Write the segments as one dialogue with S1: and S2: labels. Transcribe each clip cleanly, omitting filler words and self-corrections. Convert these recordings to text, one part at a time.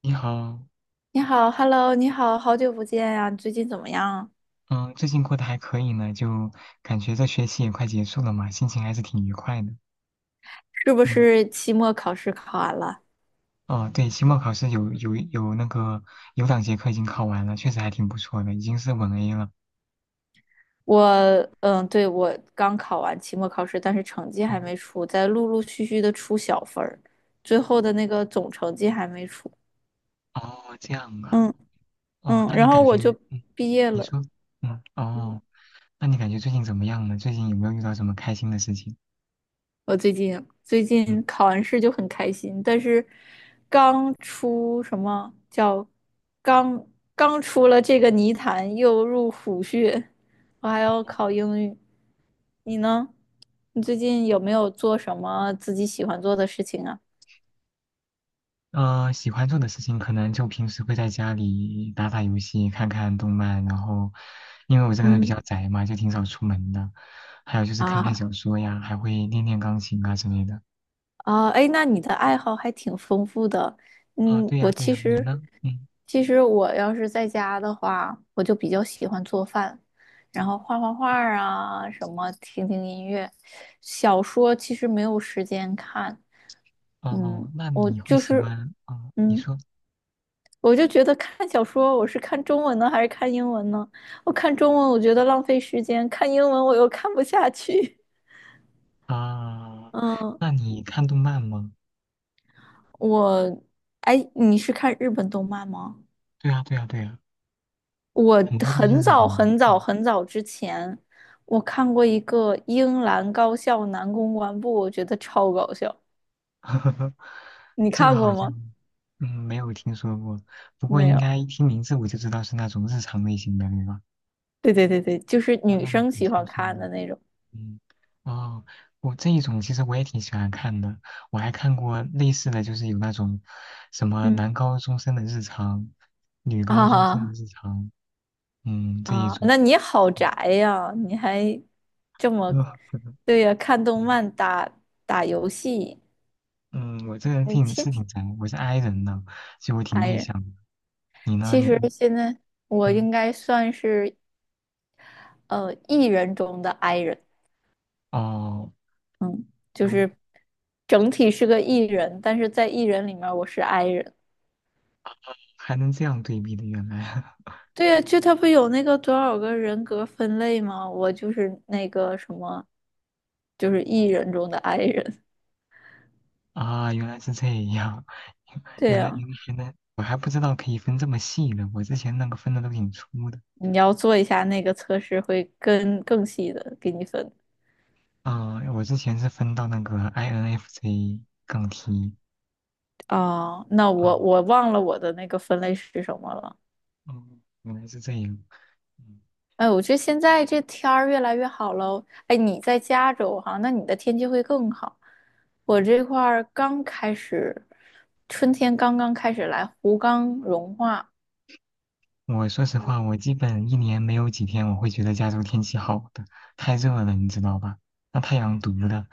S1: 你好，
S2: 你好，Hello，你好，好久不见呀，你最近怎么样？
S1: 嗯，最近过得还可以呢，就感觉这学期也快结束了嘛，心情还是挺愉快的。
S2: 是不
S1: 嗯，
S2: 是期末考试考完了？
S1: 哦，对，期末考试有那个有2节课已经考完了，确实还挺不错的，已经是稳 A 了。
S2: 我，对，我刚考完期末考试，但是成绩还
S1: 哦
S2: 没出，在陆陆续续的出小分儿，最后的那个总成绩还没出。
S1: 哦，这样啊，
S2: 嗯
S1: 哦，那你
S2: 然后
S1: 感
S2: 我就
S1: 觉，嗯，
S2: 毕业
S1: 你
S2: 了。
S1: 说，嗯，
S2: 嗯
S1: 哦，那你感觉最近怎么样呢？最近有没有遇到什么开心的事情？
S2: 我最近
S1: 嗯。
S2: 考完试就很开心，但是刚出什么叫刚刚出了这个泥潭，又入虎穴，我还要考英语。你呢？你最近有没有做什么自己喜欢做的事情啊？
S1: 喜欢做的事情可能就平时会在家里打打游戏、看看动漫，然后因为我这个人比
S2: 嗯，
S1: 较宅嘛，就挺少出门的。还有就是看看
S2: 啊，
S1: 小说呀，还会练练钢琴啊之类的。
S2: 啊，哎，那你的爱好还挺丰富的。
S1: 啊、
S2: 嗯，
S1: 对
S2: 我
S1: 呀，对
S2: 其
S1: 呀，你
S2: 实，
S1: 呢？嗯，
S2: 其实我要是在家的话，我就比较喜欢做饭，然后画画画儿啊，什么听听音乐，小说其实没有时间看。嗯，
S1: 哦，那
S2: 我
S1: 你会
S2: 就
S1: 喜
S2: 是，
S1: 欢？哦，你
S2: 嗯，
S1: 说
S2: 我就觉得看小说，我是看中文呢，还是看英文呢？我看中文，我觉得浪费时间；看英文，我又看不下去。
S1: 啊、
S2: 嗯，
S1: 那你看动漫吗？
S2: 我，哎，你是看日本动漫吗？
S1: 对呀，对呀，对呀，
S2: 我
S1: 很多都是
S2: 很
S1: 日本
S2: 早
S1: 的。
S2: 很早
S1: 嗯，
S2: 很早之前，我看过一个英兰高校男公关部，我觉得超搞笑。你
S1: 这个
S2: 看
S1: 好
S2: 过吗？
S1: 像没有听说过，不过
S2: 没
S1: 应
S2: 有。
S1: 该一听名字我就知道是那种日常类型的，对吧？
S2: 对对对对，就是
S1: 那
S2: 女
S1: 那种
S2: 生
S1: 挺
S2: 喜欢
S1: 轻松
S2: 看
S1: 的，
S2: 的那种。
S1: 嗯，哦，我这一种其实我也挺喜欢看的，我还看过类似的就是有那种什么
S2: 嗯，
S1: 男高中生的日常、女高中生的
S2: 啊。
S1: 日常，嗯，这一
S2: 啊，
S1: 种，
S2: 那你好宅
S1: 嗯，
S2: 呀！你还这么，对呀，看动
S1: 对
S2: 漫、打游戏，你
S1: 嗯，我这个人
S2: 天
S1: 挺
S2: 天
S1: 是挺宅，我是 i 人的，所以我挺
S2: 宅
S1: 内
S2: 人。
S1: 向的。你呢？
S2: 其
S1: 你
S2: 实
S1: 你
S2: 现在我
S1: 嗯，
S2: 应该算是E 人中的 I 人。
S1: 哦，
S2: 嗯，就
S1: 就
S2: 是整体是个 E 人，但是在 E 人里面儿我是 I 人。
S1: 还能这样对比的，原来。
S2: 对呀，就他不有那个多少个人格分类吗？我就是那个什么，就是 E
S1: 哦
S2: 人中的 I 人。
S1: 啊，原来是这样，
S2: 对
S1: 原来原
S2: 呀，
S1: 来原来，我还不知道可以分这么细呢。我之前那个分的都挺粗的。
S2: 你要做一下那个测试，会更细的给你分。
S1: 啊，我之前是分到那个 INFJ 杠 T。
S2: 哦，那
S1: 啊，
S2: 我忘了我的那个分类是什么了。
S1: 嗯，原来是这样。
S2: 哎，我觉得现在这天儿越来越好了。哎，你在加州哈，那你的天气会更好。我这块儿刚开始，春天刚刚开始来，湖刚融化，
S1: 嗯我说实话，我基本一年没有几天我会觉得加州天气好的，太热了，你知道吧？那太阳毒的。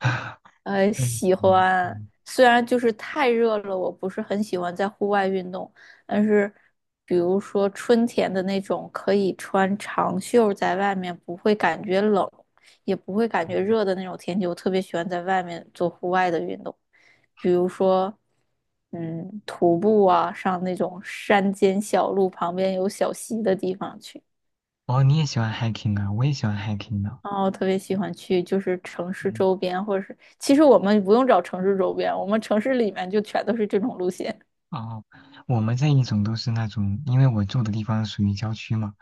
S1: 嗯，
S2: 喜欢，
S1: 嗯，
S2: 虽然就是太热了，我不是很喜欢在户外运动，但是比如说春天的那种，可以穿长袖在外面，不会感觉冷，也不会感觉热的那种天气，我特别喜欢在外面做户外的运动，比如说，嗯，徒步啊，上那种山间小路，旁边有小溪的地方去。
S1: 哦，你也喜欢 hiking 啊？我也喜欢 hiking 呢。
S2: 哦，我特别喜欢去就是城市
S1: 嗯
S2: 周边，或者是其实我们不用找城市周边，我们城市里面就全都是这种路线。
S1: 哦，我们这一种都是那种，因为我住的地方属于郊区嘛，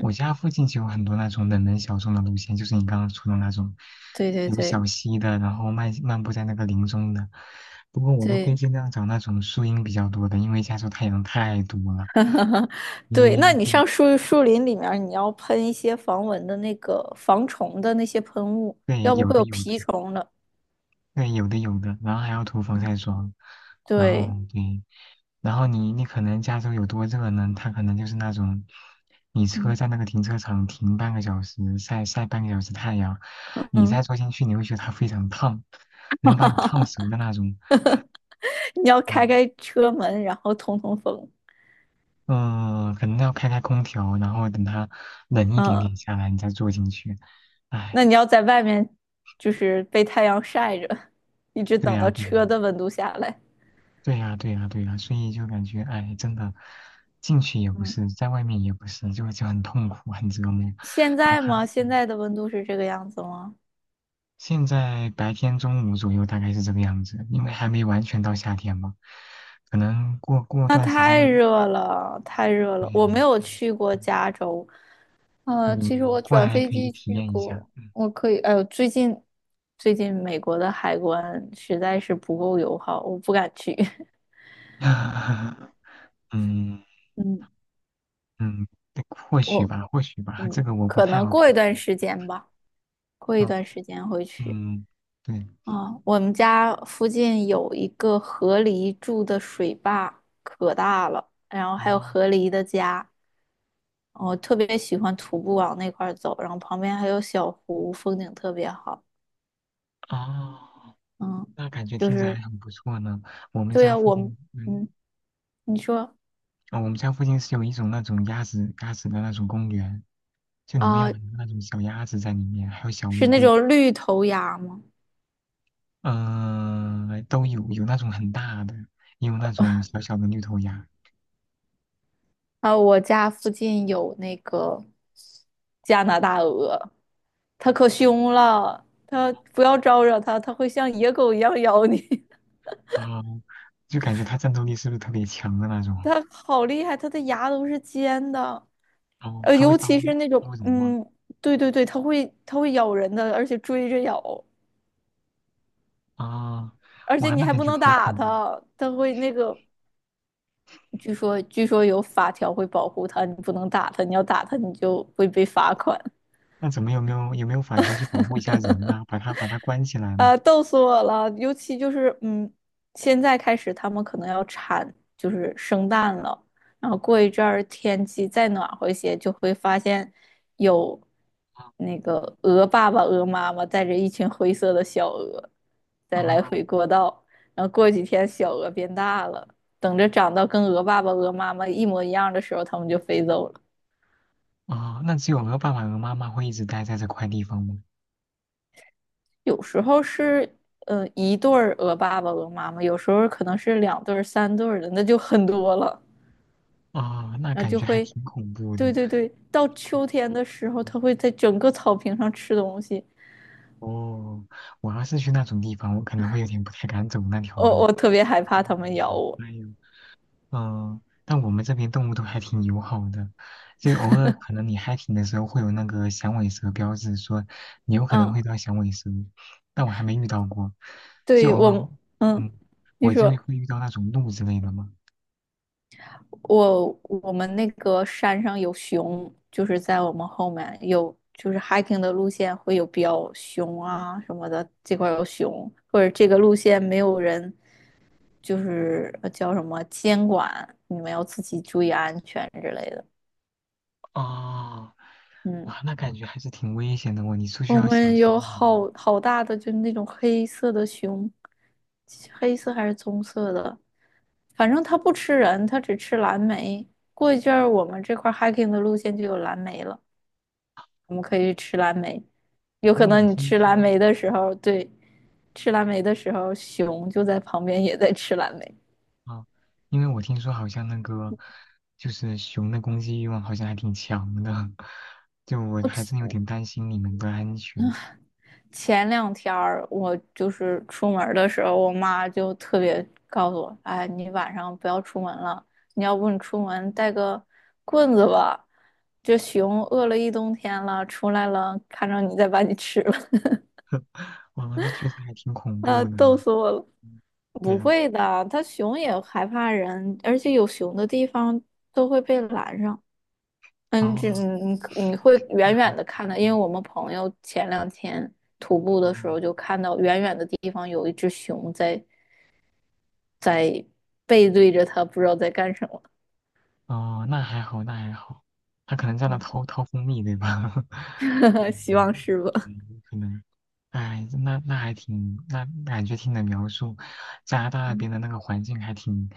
S1: 我家附近就有很多那种冷门小众的路线，就是你刚刚说的那种，
S2: 对对
S1: 有小
S2: 对
S1: 溪的，然后漫漫步在那个林中的。不过我都会
S2: 对，
S1: 尽量找那种树荫比较多的，因为加州太阳太毒了。
S2: 对。那
S1: 你
S2: 你
S1: 对
S2: 上树林里面，你要喷一些防蚊的那个防虫的那些喷雾，
S1: 对，
S2: 要不
S1: 有
S2: 会
S1: 的
S2: 有
S1: 有的
S2: 蜱虫的。
S1: 对，有的有的，然后还要涂防
S2: 嗯
S1: 晒霜，然后
S2: 对，
S1: 对，然后你可能加州有多热呢？它可能就是那种，你车
S2: 嗯
S1: 在那个停车场停半个小时，晒晒半个小时太阳，你
S2: 嗯，
S1: 再坐进去，你会觉得它非常烫，能把你烫熟的那种。
S2: 你要开
S1: 嗯
S2: 开车门，然后通通风。
S1: 嗯，可能要开开空调，然后等它冷一点点
S2: 嗯，
S1: 下来，你再坐进去。哎，
S2: 那你要在外面就是被太阳晒着，一直
S1: 对
S2: 等
S1: 呀、
S2: 到
S1: 对呀、
S2: 车的温度下来。
S1: 对呀，对呀，对呀，所以就感觉，哎，真的，进去也不
S2: 嗯。
S1: 是，在外面也不是，就很痛苦，很折磨。
S2: 现
S1: 哪
S2: 在
S1: 怕
S2: 吗？现在的温度是这个样子吗？
S1: 现在白天中午左右大概是这个样子，因为还没完全到夏天嘛，可能过过
S2: 那
S1: 段时间
S2: 太
S1: 会，
S2: 热了，太热
S1: 对，
S2: 了。我没有去过
S1: 嗯，
S2: 加州，呃，其实
S1: 你
S2: 我
S1: 过
S2: 转
S1: 来
S2: 飞
S1: 可以
S2: 机
S1: 体
S2: 去
S1: 验一下，
S2: 过，我可以，哎呦，最近美国的海关实在是不够友好，我不敢去。
S1: 嗯，嗯
S2: 嗯，
S1: 嗯，对或许
S2: 我
S1: 吧，或许吧，
S2: 嗯，
S1: 这个我不
S2: 可
S1: 太
S2: 能
S1: 好评
S2: 过一
S1: 价，
S2: 段时间吧，过一
S1: 嗯
S2: 段时间会去。
S1: 嗯，对，
S2: 啊、我们家附近有一个河狸住的水坝，可大了，然后还有
S1: 哦
S2: 河狸的家。我特别喜欢徒步往那块儿走，然后旁边还有小湖，风景特别好。
S1: 哦。
S2: 嗯，
S1: 那感觉
S2: 就
S1: 听着
S2: 是
S1: 还很不错呢。我们
S2: 对
S1: 家
S2: 啊，
S1: 附
S2: 我
S1: 近，
S2: 们
S1: 嗯，
S2: 嗯，你说
S1: 哦，我们家附近是有一种那种鸭子的那种公园，就里面有
S2: 啊，
S1: 很多那种小鸭子在里面，还有小
S2: 是
S1: 乌
S2: 那
S1: 龟，
S2: 种绿头鸭吗？
S1: 嗯，都有，有那种很大的，也有那种小小的绿头鸭。
S2: 啊，我家附近有那个加拿大鹅，它可凶了，它不要招惹它，它会像野狗一样咬你。
S1: 哦，就感觉它战斗力是不是特别强的那 种？
S2: 它好厉害，它的牙都是尖的，
S1: 哦，
S2: 呃，
S1: 它会
S2: 尤
S1: 刀，
S2: 其是那
S1: 它
S2: 种
S1: 会怎么吗？
S2: 嗯，对对对，它会咬人的，而且追着咬。
S1: 啊、
S2: 而且
S1: 哇，
S2: 你
S1: 那
S2: 还
S1: 感
S2: 不
S1: 觉
S2: 能
S1: 好
S2: 打
S1: 恐怖。
S2: 他，他会那个，据说有法条会保护他，你不能打他，你要打他你就会被
S1: 嗯
S2: 罚款。
S1: 那怎么有没有法条去保护一下人啊？把它关起来吗？
S2: 呃，逗死我了！尤其就是，嗯，现在开始他们可能要产，就是生蛋了。然后过一阵儿天气再暖和一些，就会发现有
S1: 啊
S2: 那个鹅爸爸、鹅妈妈带着一群灰色的小鹅在来
S1: 哦
S2: 回过道。然后过几天小鹅变大了，等着长到跟鹅爸爸、鹅妈妈一模一样的时候，它们就飞走了。
S1: 哦，那只有和爸爸和妈妈会一直待在这块地方吗？
S2: 有时候是一对儿鹅爸爸、鹅妈妈，有时候可能是两对儿、三对儿的，那就很多了。
S1: 哦，那
S2: 然后
S1: 感
S2: 就
S1: 觉还
S2: 会，
S1: 挺恐怖的。
S2: 对对对，到秋天的时候，
S1: 嗯
S2: 它会在整个草坪上吃东西。
S1: 哦，我要是去那种地方，我可能会有点不太敢走那条路。
S2: 我特别害怕它们咬
S1: 嗯
S2: 我。
S1: 哎呦但我们这边动物都还挺友好的，就偶尔可能你 hiking 的时候会有那个响尾蛇标志，说你有可能
S2: 嗯，
S1: 会遇到响尾蛇，但我还没遇到过，就
S2: 对
S1: 偶尔，
S2: 我，嗯，
S1: 嗯，
S2: 你
S1: 我就会
S2: 说，
S1: 遇到那种鹿之类的嘛。
S2: 我们那个山上有熊，就是在我们后面有，就是 hiking 的路线会有标熊啊什么的，这块儿有熊，或者这个路线没有人，就是呃叫什么监管，你们要自己注意安全之类的。
S1: 哦，
S2: 嗯，
S1: 哇，那感觉还是挺危险的哦，你出去
S2: 我
S1: 要小
S2: 们
S1: 心
S2: 有
S1: 一点哦。
S2: 好大的，就是那种黑色的熊，黑色还是棕色的，反正它不吃人，它只吃蓝莓。过一阵儿，我们这块儿 hiking 的路线就有蓝莓了。我们可以去吃蓝莓。有可
S1: 因为我
S2: 能你
S1: 听
S2: 吃蓝
S1: 说
S2: 莓的时候，对，吃蓝莓的时候，熊就在旁边也在吃蓝莓。
S1: 啊，因为我听说好像那个就是熊的攻击欲望好像还挺强的，就我
S2: 我
S1: 还真有
S2: 前
S1: 点担心你们的安全。
S2: 前两天儿，我就是出门儿的时候，我妈就特别告诉我，哎，你晚上不要出门了，你要不你出门带个棍子吧，这熊饿了一冬天了，出来了，看着你再把你吃了。
S1: 哇，那确实还挺恐怖
S2: 啊，
S1: 的
S2: 逗
S1: 呢。
S2: 死我了！
S1: 嗯，对
S2: 不
S1: 呀，
S2: 会的，它熊也害怕人，而且有熊的地方都会被拦上。
S1: 哦，
S2: 你你会
S1: 那
S2: 远
S1: 还，
S2: 远的看到，因为
S1: 嗯
S2: 我们朋友前两天徒步的时
S1: 哦。
S2: 候就看到远远的地方有一只熊在背对着他，不知道在干什么。
S1: 哦，那还好，那还好，他可能在那掏 掏蜂蜜，对吧？
S2: 希望
S1: 嗯，
S2: 是吧？
S1: 嗯可能，哎，那那还挺，那感觉听你的描述，加拿大那
S2: 嗯
S1: 边的那个环境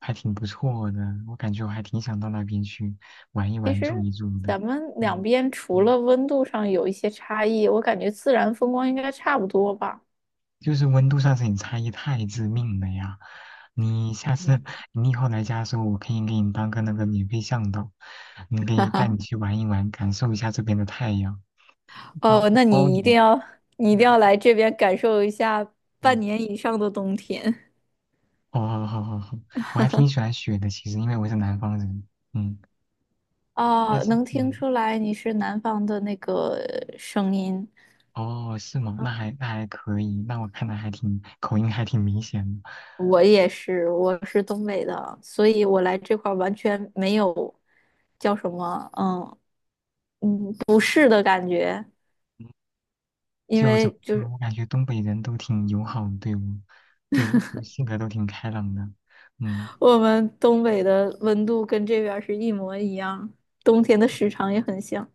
S1: 还挺不错的，我感觉我还挺想到那边去玩一
S2: 其
S1: 玩、住
S2: 实
S1: 一住的。
S2: 咱们两
S1: 嗯
S2: 边除
S1: 嗯。
S2: 了温度上有一些差异，我感觉自然风光应该差不多吧。
S1: 就是温度上是你差异太致命了呀！你下次你以后来家的时候，我可以给你当个那个免费向导，你可以带你去玩一玩，感受一下这边的太阳，包
S2: 哦，那
S1: 包
S2: 你一定
S1: 你。
S2: 要，你一定要来这边感受一下半
S1: 嗯，
S2: 年以上的冬天。
S1: 好好好好好，我还挺喜欢雪的，其实因为我是南方人。嗯，但
S2: 啊！
S1: 是
S2: 能听
S1: 嗯，
S2: 出来你是南方的那个声音，
S1: 哦，是吗？那还可以，那我看来还挺口音还挺明显的。
S2: 我也是，我是东北的，所以我来这块儿完全没有叫什么，不适的感觉，
S1: 嗯，
S2: 因
S1: 就怎
S2: 为
S1: 么
S2: 就
S1: 说，
S2: 是
S1: 我感觉东北人都挺友好，对我，对我就性格都挺开朗的。嗯。
S2: 我们东北的温度跟这边儿是一模一样，冬天的时长也很像。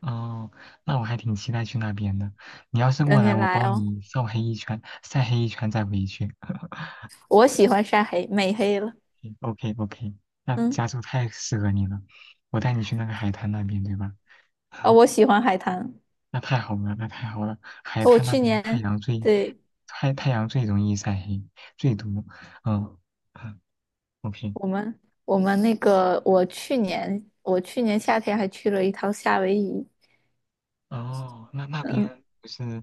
S1: 哦，那我还挺期待去那边的。你要是过
S2: 等你
S1: 来，我
S2: 来
S1: 包
S2: 哦，
S1: 你晒黑一圈，晒黑一圈再回去。
S2: 我喜欢晒黑，美黑了，
S1: OK OK，那
S2: 嗯。
S1: 加州太适合你了，我带你去那个海滩那边，对吧？
S2: 啊、我喜欢海滩。
S1: 那太好了，那太好了，海
S2: 哦我
S1: 滩那
S2: 去
S1: 边太
S2: 年，
S1: 阳最
S2: 对，
S1: 太太阳最容易晒黑，最毒。嗯嗯，OK。
S2: 我们我们那个，我去年夏天还去了一趟夏威夷，
S1: 哦，那那
S2: 嗯，
S1: 边不是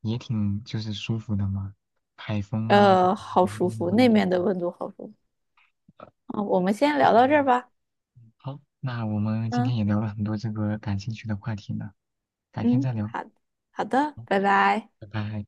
S1: 也挺就是舒服的吗？海风啊，
S2: 呃，好
S1: 阳
S2: 舒
S1: 光的
S2: 服，那
S1: 温度。
S2: 面的温度好舒服。啊。我们先
S1: 哎
S2: 聊到这儿吧。
S1: 好，那我们今
S2: 嗯
S1: 天也聊了很多这个感兴趣的话题呢，改天再
S2: 嗯，
S1: 聊，
S2: 好好的，拜拜。
S1: 拜拜。